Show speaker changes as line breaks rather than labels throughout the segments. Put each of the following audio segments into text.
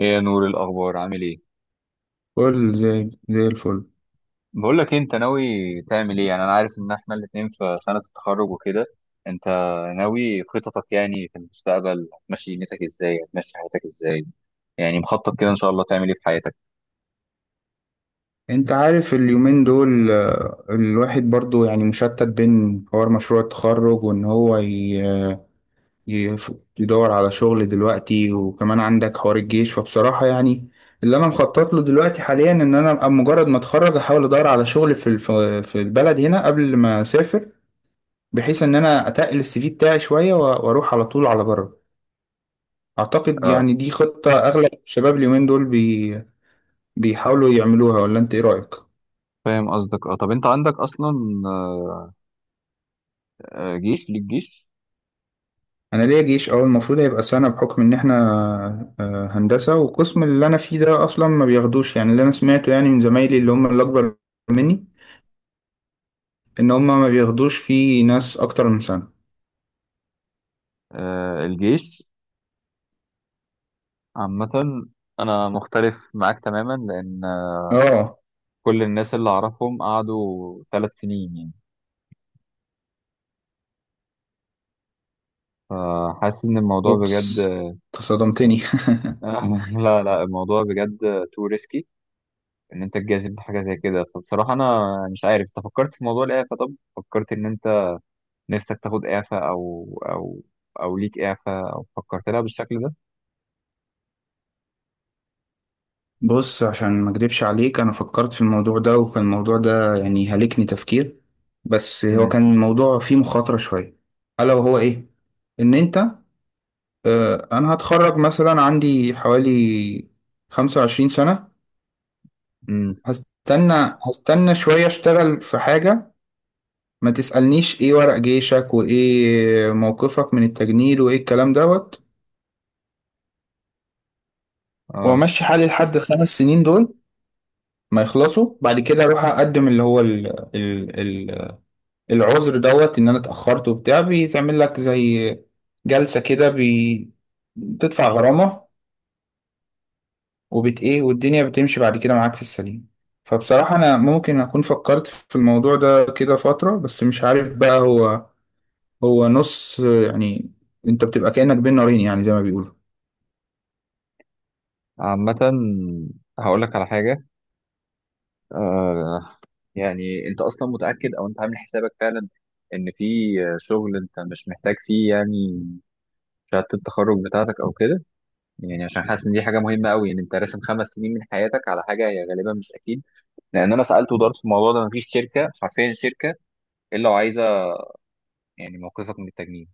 ايه يا نور، إيه الاخبار؟ عامل ايه؟
كل زي الفل.
بقول لك إيه، انت ناوي تعمل ايه؟ يعني انا عارف ان احنا الاتنين في سنه التخرج وكده. انت ناوي خططك يعني في المستقبل؟ هتمشي دنيتك ازاي؟ هتمشي حياتك ازاي؟ يعني مخطط كده ان شاء الله تعمل ايه في حياتك؟
انت عارف اليومين دول الواحد برضو يعني مشتت بين حوار مشروع التخرج وان هو يف- يدور على شغل دلوقتي وكمان عندك حوار الجيش، فبصراحة يعني اللي انا مخطط له دلوقتي حاليا ان انا ابقى مجرد ما اتخرج احاول ادور على شغل في البلد هنا قبل ما اسافر، بحيث ان انا اتقل السي في بتاعي شوية واروح على طول على بره. اعتقد
اه،
يعني دي خطة اغلب الشباب اليومين دول بيحاولوا يعملوها، ولا انت ايه رأيك؟
فاهم قصدك. اه، طب انت عندك اصلا، آه، جيش؟ ليك جيش؟
انا ليا جيش، اه. المفروض هيبقى سنه بحكم ان احنا هندسه، والقسم اللي انا فيه ده اصلا ما بياخدوش. يعني اللي انا سمعته يعني من زمايلي اللي هم اللي اكبر مني، ان هم ما بياخدوش فيه ناس اكتر من سنه.
الجيش عامه، انا مختلف معاك تماما، لان
اه،
كل الناس اللي اعرفهم قعدوا ثلاث سنين يعني. فحاسس ان الموضوع بجد.
اوبس، تصدمتني.
لا لا، الموضوع بجد تو ريسكي، ان انت تجازف بحاجه زي كده. فبصراحه انا مش عارف، انت فكرت في موضوع الاعفاء؟ طب فكرت ان انت نفسك تاخد اعفاء، او او ليك اعفاء، او فكرت لها بالشكل ده؟
بص، عشان ما اكدبش عليك، انا فكرت في الموضوع ده، وكان الموضوع ده يعني هلكني تفكير، بس هو
امم
كان الموضوع فيه مخاطره شويه. الا وهو ايه؟ ان انت انا هتخرج مثلا عندي حوالي 25 سنه،
امم
هستنى شوية، اشتغل في حاجة ما تسألنيش ايه ورق جيشك، وايه موقفك من التجنيد، وايه الكلام دوت،
اه،
وامشي حالي لحد الخمس سنين دول ما يخلصوا. بعد كده اروح اقدم اللي هو ال العذر دوت ان انا اتأخرت وبتاع. بيتعمل لك زي جلسة كده، بتدفع غرامة وبت ايه، والدنيا بتمشي بعد كده معاك في السليم. فبصراحة انا ممكن اكون فكرت في الموضوع ده كده فترة، بس مش عارف بقى. هو نص يعني، انت بتبقى كأنك بين نارين، يعني زي ما بيقولوا.
عامه هقول لك على حاجه. آه يعني انت اصلا متاكد او انت عامل حسابك فعلا ان في شغل انت مش محتاج فيه يعني شهاده التخرج بتاعتك او كده؟ يعني عشان حاسس ان دي حاجه مهمه قوي، ان انت راسم خمس سنين من حياتك على حاجه هي غالبا مش اكيد. لان انا سالت ودرت في الموضوع ده، مفيش شركه، حرفيا شركه، الا وعايزه يعني موقفك من التجنيد.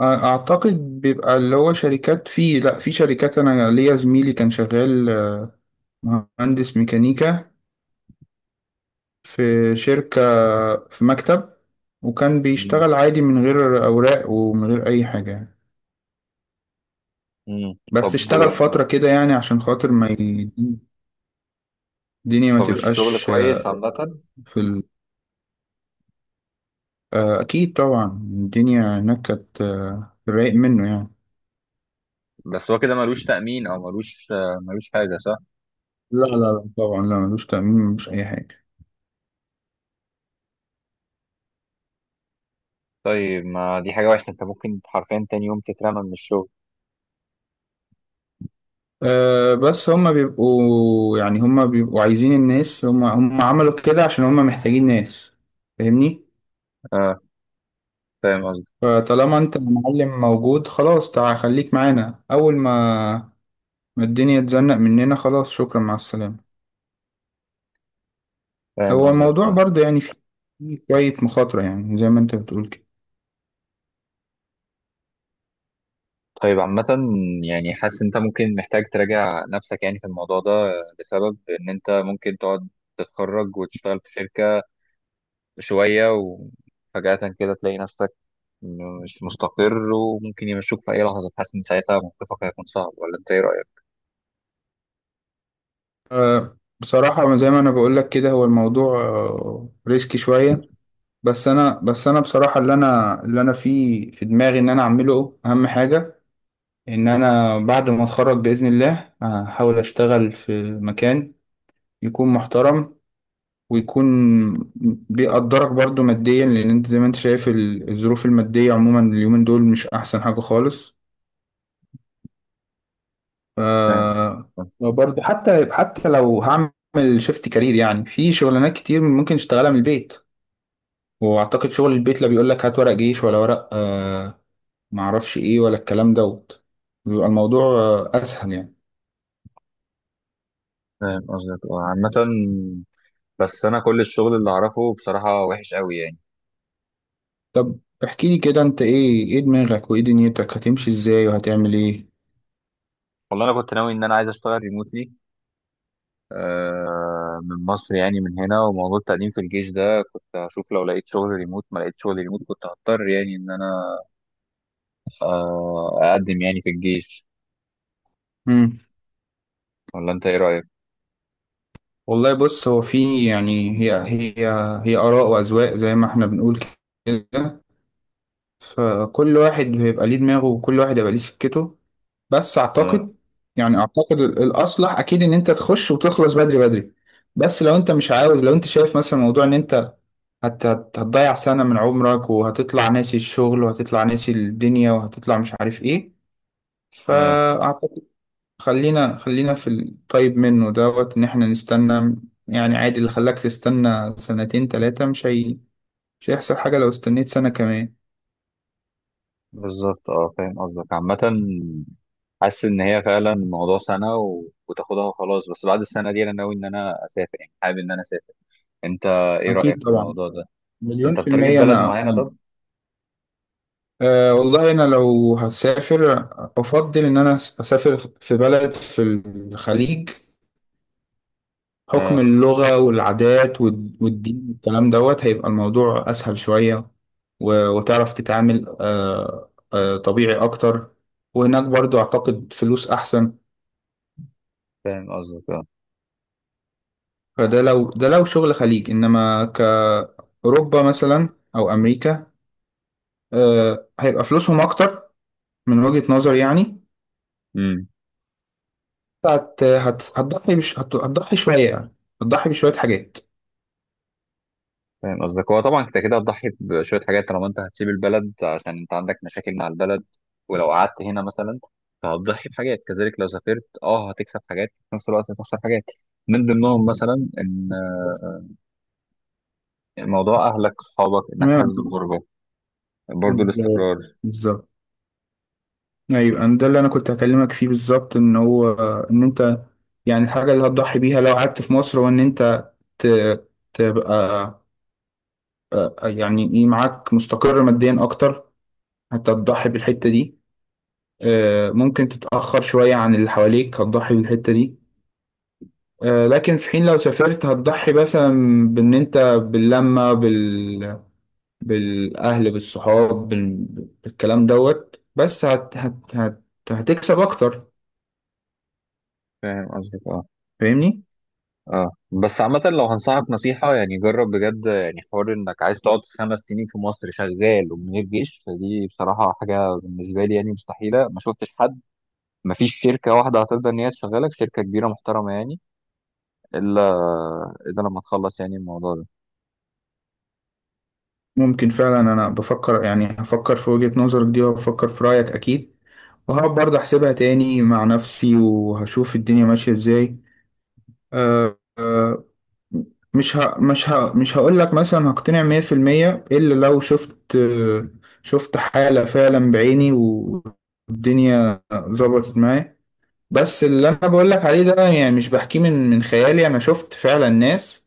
اعتقد بيبقى اللي هو شركات، في لا في شركات، انا ليا زميلي كان شغال مهندس ميكانيكا في شركة، في مكتب، وكان
مم.
بيشتغل عادي من غير اوراق ومن غير اي حاجة يعني.
مم.
بس
طب،
اشتغل فترة كده يعني عشان خاطر ما ي- الدنيا ما
طب الشغل
تبقاش
كويس عامه؟
في ال... اكيد طبعا الدنيا هناك كانت رايق منه يعني.
بس هو كده ملوش تامين، او ملوش حاجه، صح؟
لا لا لا، طبعا لا، ملوش تأمين، مش اي حاجة.
طيب، ما دي حاجه وحشه، انت ممكن حرفيا تاني يوم تترمى من الشغل.
أه، بس هما بيبقوا يعني هما بيبقوا عايزين الناس. هما عملوا كده عشان هما محتاجين ناس، فاهمني؟
اه، فاهم قصدك.
فطالما انت المعلم موجود، خلاص تعال خليك معانا. اول ما الدنيا تزنق مننا، خلاص شكرا مع السلامة. هو الموضوع
آه.
برضه يعني فيه شوية مخاطرة، يعني زي ما انت بتقول كده.
طيب، عامة يعني حاسس انت ممكن محتاج تراجع نفسك يعني في الموضوع ده، بسبب ان انت ممكن تقعد تتخرج وتشتغل في شركة شوية وفجأة كده تلاقي نفسك مش مستقر، وممكن يمشوك في أي لحظة. حاسس إن ساعتها موقفك هيكون صعب، ولا أنت إيه رأيك؟
أه، بصراحة زي ما انا بقول لك كده، هو الموضوع أه ريسكي شوية، بس انا بصراحة اللي انا فيه في دماغي ان انا اعمله اهم حاجة، ان انا بعد ما اتخرج باذن الله هحاول اشتغل في مكان يكون محترم، ويكون بيقدرك برضو ماديا، لان انت زي ما انت شايف الظروف الماديه عموما اليومين دول مش احسن حاجه خالص. ف
فاهم قصدك.
وبرضه حتى لو هعمل شيفت كارير، يعني في شغلانات كتير ممكن اشتغلها من البيت، واعتقد شغل البيت لا بيقول لك هات ورق جيش ولا ورق آه معرفش ايه ولا الكلام دوت، بيبقى الموضوع آه اسهل يعني.
اه، عامة بس أنا كل الشغل اللي أعرفه بصراحة وحش قوي يعني.
طب احكي لي كده، انت ايه؟ ايه دماغك، وايه دنيتك هتمشي ازاي، وهتعمل ايه؟
والله أنا كنت ناوي إن أنا عايز أشتغل ريموتلي من مصر يعني، من هنا. وموضوع التقديم في الجيش ده كنت هشوف لو لقيت شغل ريموت. ما لقيت شغل ريموت كنت هضطر يعني ان انا اقدم يعني في الجيش.
امم،
ولا انت ايه رأيك؟
والله بص، هو في يعني هي آراء وأذواق زي ما احنا بنقول كده، فكل واحد بيبقى ليه دماغه، وكل واحد يبقى ليه سكته. بس
اه.
اعتقد يعني اعتقد الأصلح اكيد ان انت تخش وتخلص بدري. بس لو انت مش عاوز، لو انت شايف مثلا موضوع ان انت هتضيع سنة من عمرك، وهتطلع ناسي الشغل، وهتطلع ناسي الدنيا، وهتطلع مش عارف ايه،
اه،
فأعتقد خلينا في الطيب منه دوت، ان احنا نستنى. يعني عادي، اللي خلاك تستنى سنتين تلاتة، مش هي... مش هيحصل حاجة لو استنيت سنة كمان.
بالظبط. اه، فاهم قصدك. عامة حاسس ان هي فعلا الموضوع سنة وتاخدها وخلاص. بس بعد السنة دي انا ناوي ان انا اسافر، يعني حابب ان انا اسافر. انت ايه رأيك
اكيد
في
طبعا،
الموضوع ده؟
مليون
انت
في
بتارجت
المية.
بلد معينة؟ طب.
أه والله انا لو هسافر افضل ان انا اسافر في بلد في الخليج. حكم
اه،
اللغة والعادات والدين والكلام دوت، هيبقى الموضوع اسهل شوية، وتعرف تتعامل أه أه طبيعي اكتر. وهناك برضو اعتقد فلوس احسن.
فاهم قصدك. اه.
فده لو شغل خليج، انما كأوروبا مثلا او امريكا، هيبقى فلوسهم اكتر من وجهة نظر يعني.
مم.
هتضحي شوية يعني، هتضحي بشوية حاجات.
فاهم قصدك، هو طبعا انت كده هتضحي بشويه حاجات طالما انت هتسيب البلد، عشان انت عندك مشاكل مع البلد. ولو قعدت هنا مثلا فهتضحي بحاجات كذلك. لو سافرت اه هتكسب حاجات، في نفس الوقت هتخسر حاجات، من ضمنهم مثلا ان
بس
موضوع اهلك، صحابك، انك
تمام،
حاسس بالغربه، برضو
بالظبط،
الاستقرار.
بالظبط. ايوه، أنا ده اللي انا كنت هكلمك فيه بالظبط. ان هو، ان انت يعني الحاجة اللي هتضحي بيها لو قعدت في مصر، هو ان انت ت... تبقى يعني ايه معاك مستقر ماديا اكتر. هتضحي بالحتة دي، ممكن تتأخر شوية عن اللي حواليك، هتضحي بالحتة دي. لكن في حين لو سافرت هتضحي مثلا بإن أنت باللمة بال... بالأهل بالصحاب بال... بالكلام دوت. بس هتكسب أكتر،
فاهم قصدك. اه،
فاهمني؟
اه بس عامه لو هنصحك نصيحه يعني، جرب بجد يعني حوار انك عايز تقعد خمس سنين في مصر شغال ومن غير جيش، فدي بصراحه حاجه بالنسبه لي يعني مستحيله. ما شفتش حد، مفيش شركة واحدة هترضى إن هي تشغلك، شركة كبيرة محترمة يعني، إلا لما تخلص يعني الموضوع ده.
ممكن فعلا، أنا بفكر يعني هفكر في وجهة نظرك دي، وهفكر في رأيك أكيد، وهقعد برضه أحسبها تاني مع نفسي، وهشوف الدنيا ماشية إزاي. أه مش هقول لك مثلا هقتنع 100% الا لو شفت، شفت حالة فعلا بعيني، والدنيا ظبطت معايا. بس اللي انا بقول لك عليه ده، يعني مش بحكيه من خيالي، انا شفت فعلا ناس.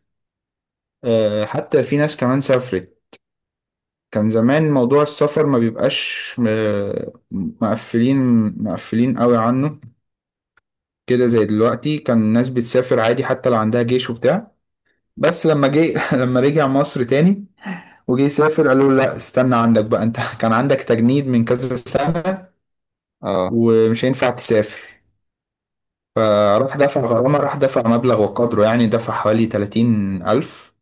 حتى في ناس كمان سافرت. كان زمان موضوع السفر ما بيبقاش آه، مقفلين مقفلين قوي عنه كده زي دلوقتي. كان الناس بتسافر عادي حتى لو عندها جيش وبتاع. بس لما جه لما رجع مصر تاني وجي يسافر، قالوا له لا، استنى عندك بقى انت. كان عندك تجنيد من كذا سنة
اه،
ومش هينفع تسافر. فراح دفع غرامة، راح دفع مبلغ وقدره يعني، دفع حوالي 30 ألف.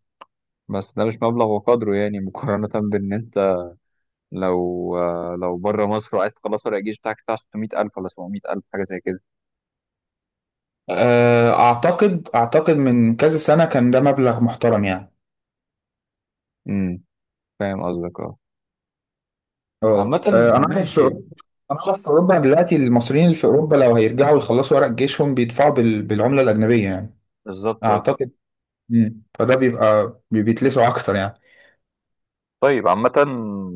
بس ده مش مبلغ وقدره يعني، مقارنة بإن أنت لو لو بره مصر وعايز تخلص ورق الجيش بتاعك، بتاع 600,000 ولا 700,000 حاجة زي كده.
أعتقد من كذا سنة كان ده مبلغ محترم يعني.
امم، فاهم قصدك. اه،
اه
عامة
أنا أعرف في
ماشي.
أوروبا. أنا أعرف في أوروبا دلوقتي المصريين اللي في أوروبا لو هيرجعوا يخلصوا ورق جيشهم بيدفعوا بالعملة الأجنبية يعني.
بالظبط اه.
أعتقد. مم. فده بيبقى بيتلسعوا أكتر يعني.
طيب، عامة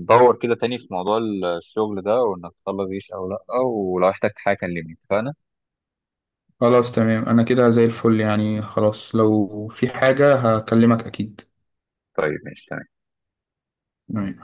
دور كده تاني في موضوع الشغل ده، وإنك تخلص جيش أو لأ. ولو احتجت حاجة كلمني، اتفقنا؟
خلاص تمام، انا كده زي الفل يعني. خلاص، لو في حاجة هكلمك اكيد.
طيب ماشي.
تمام.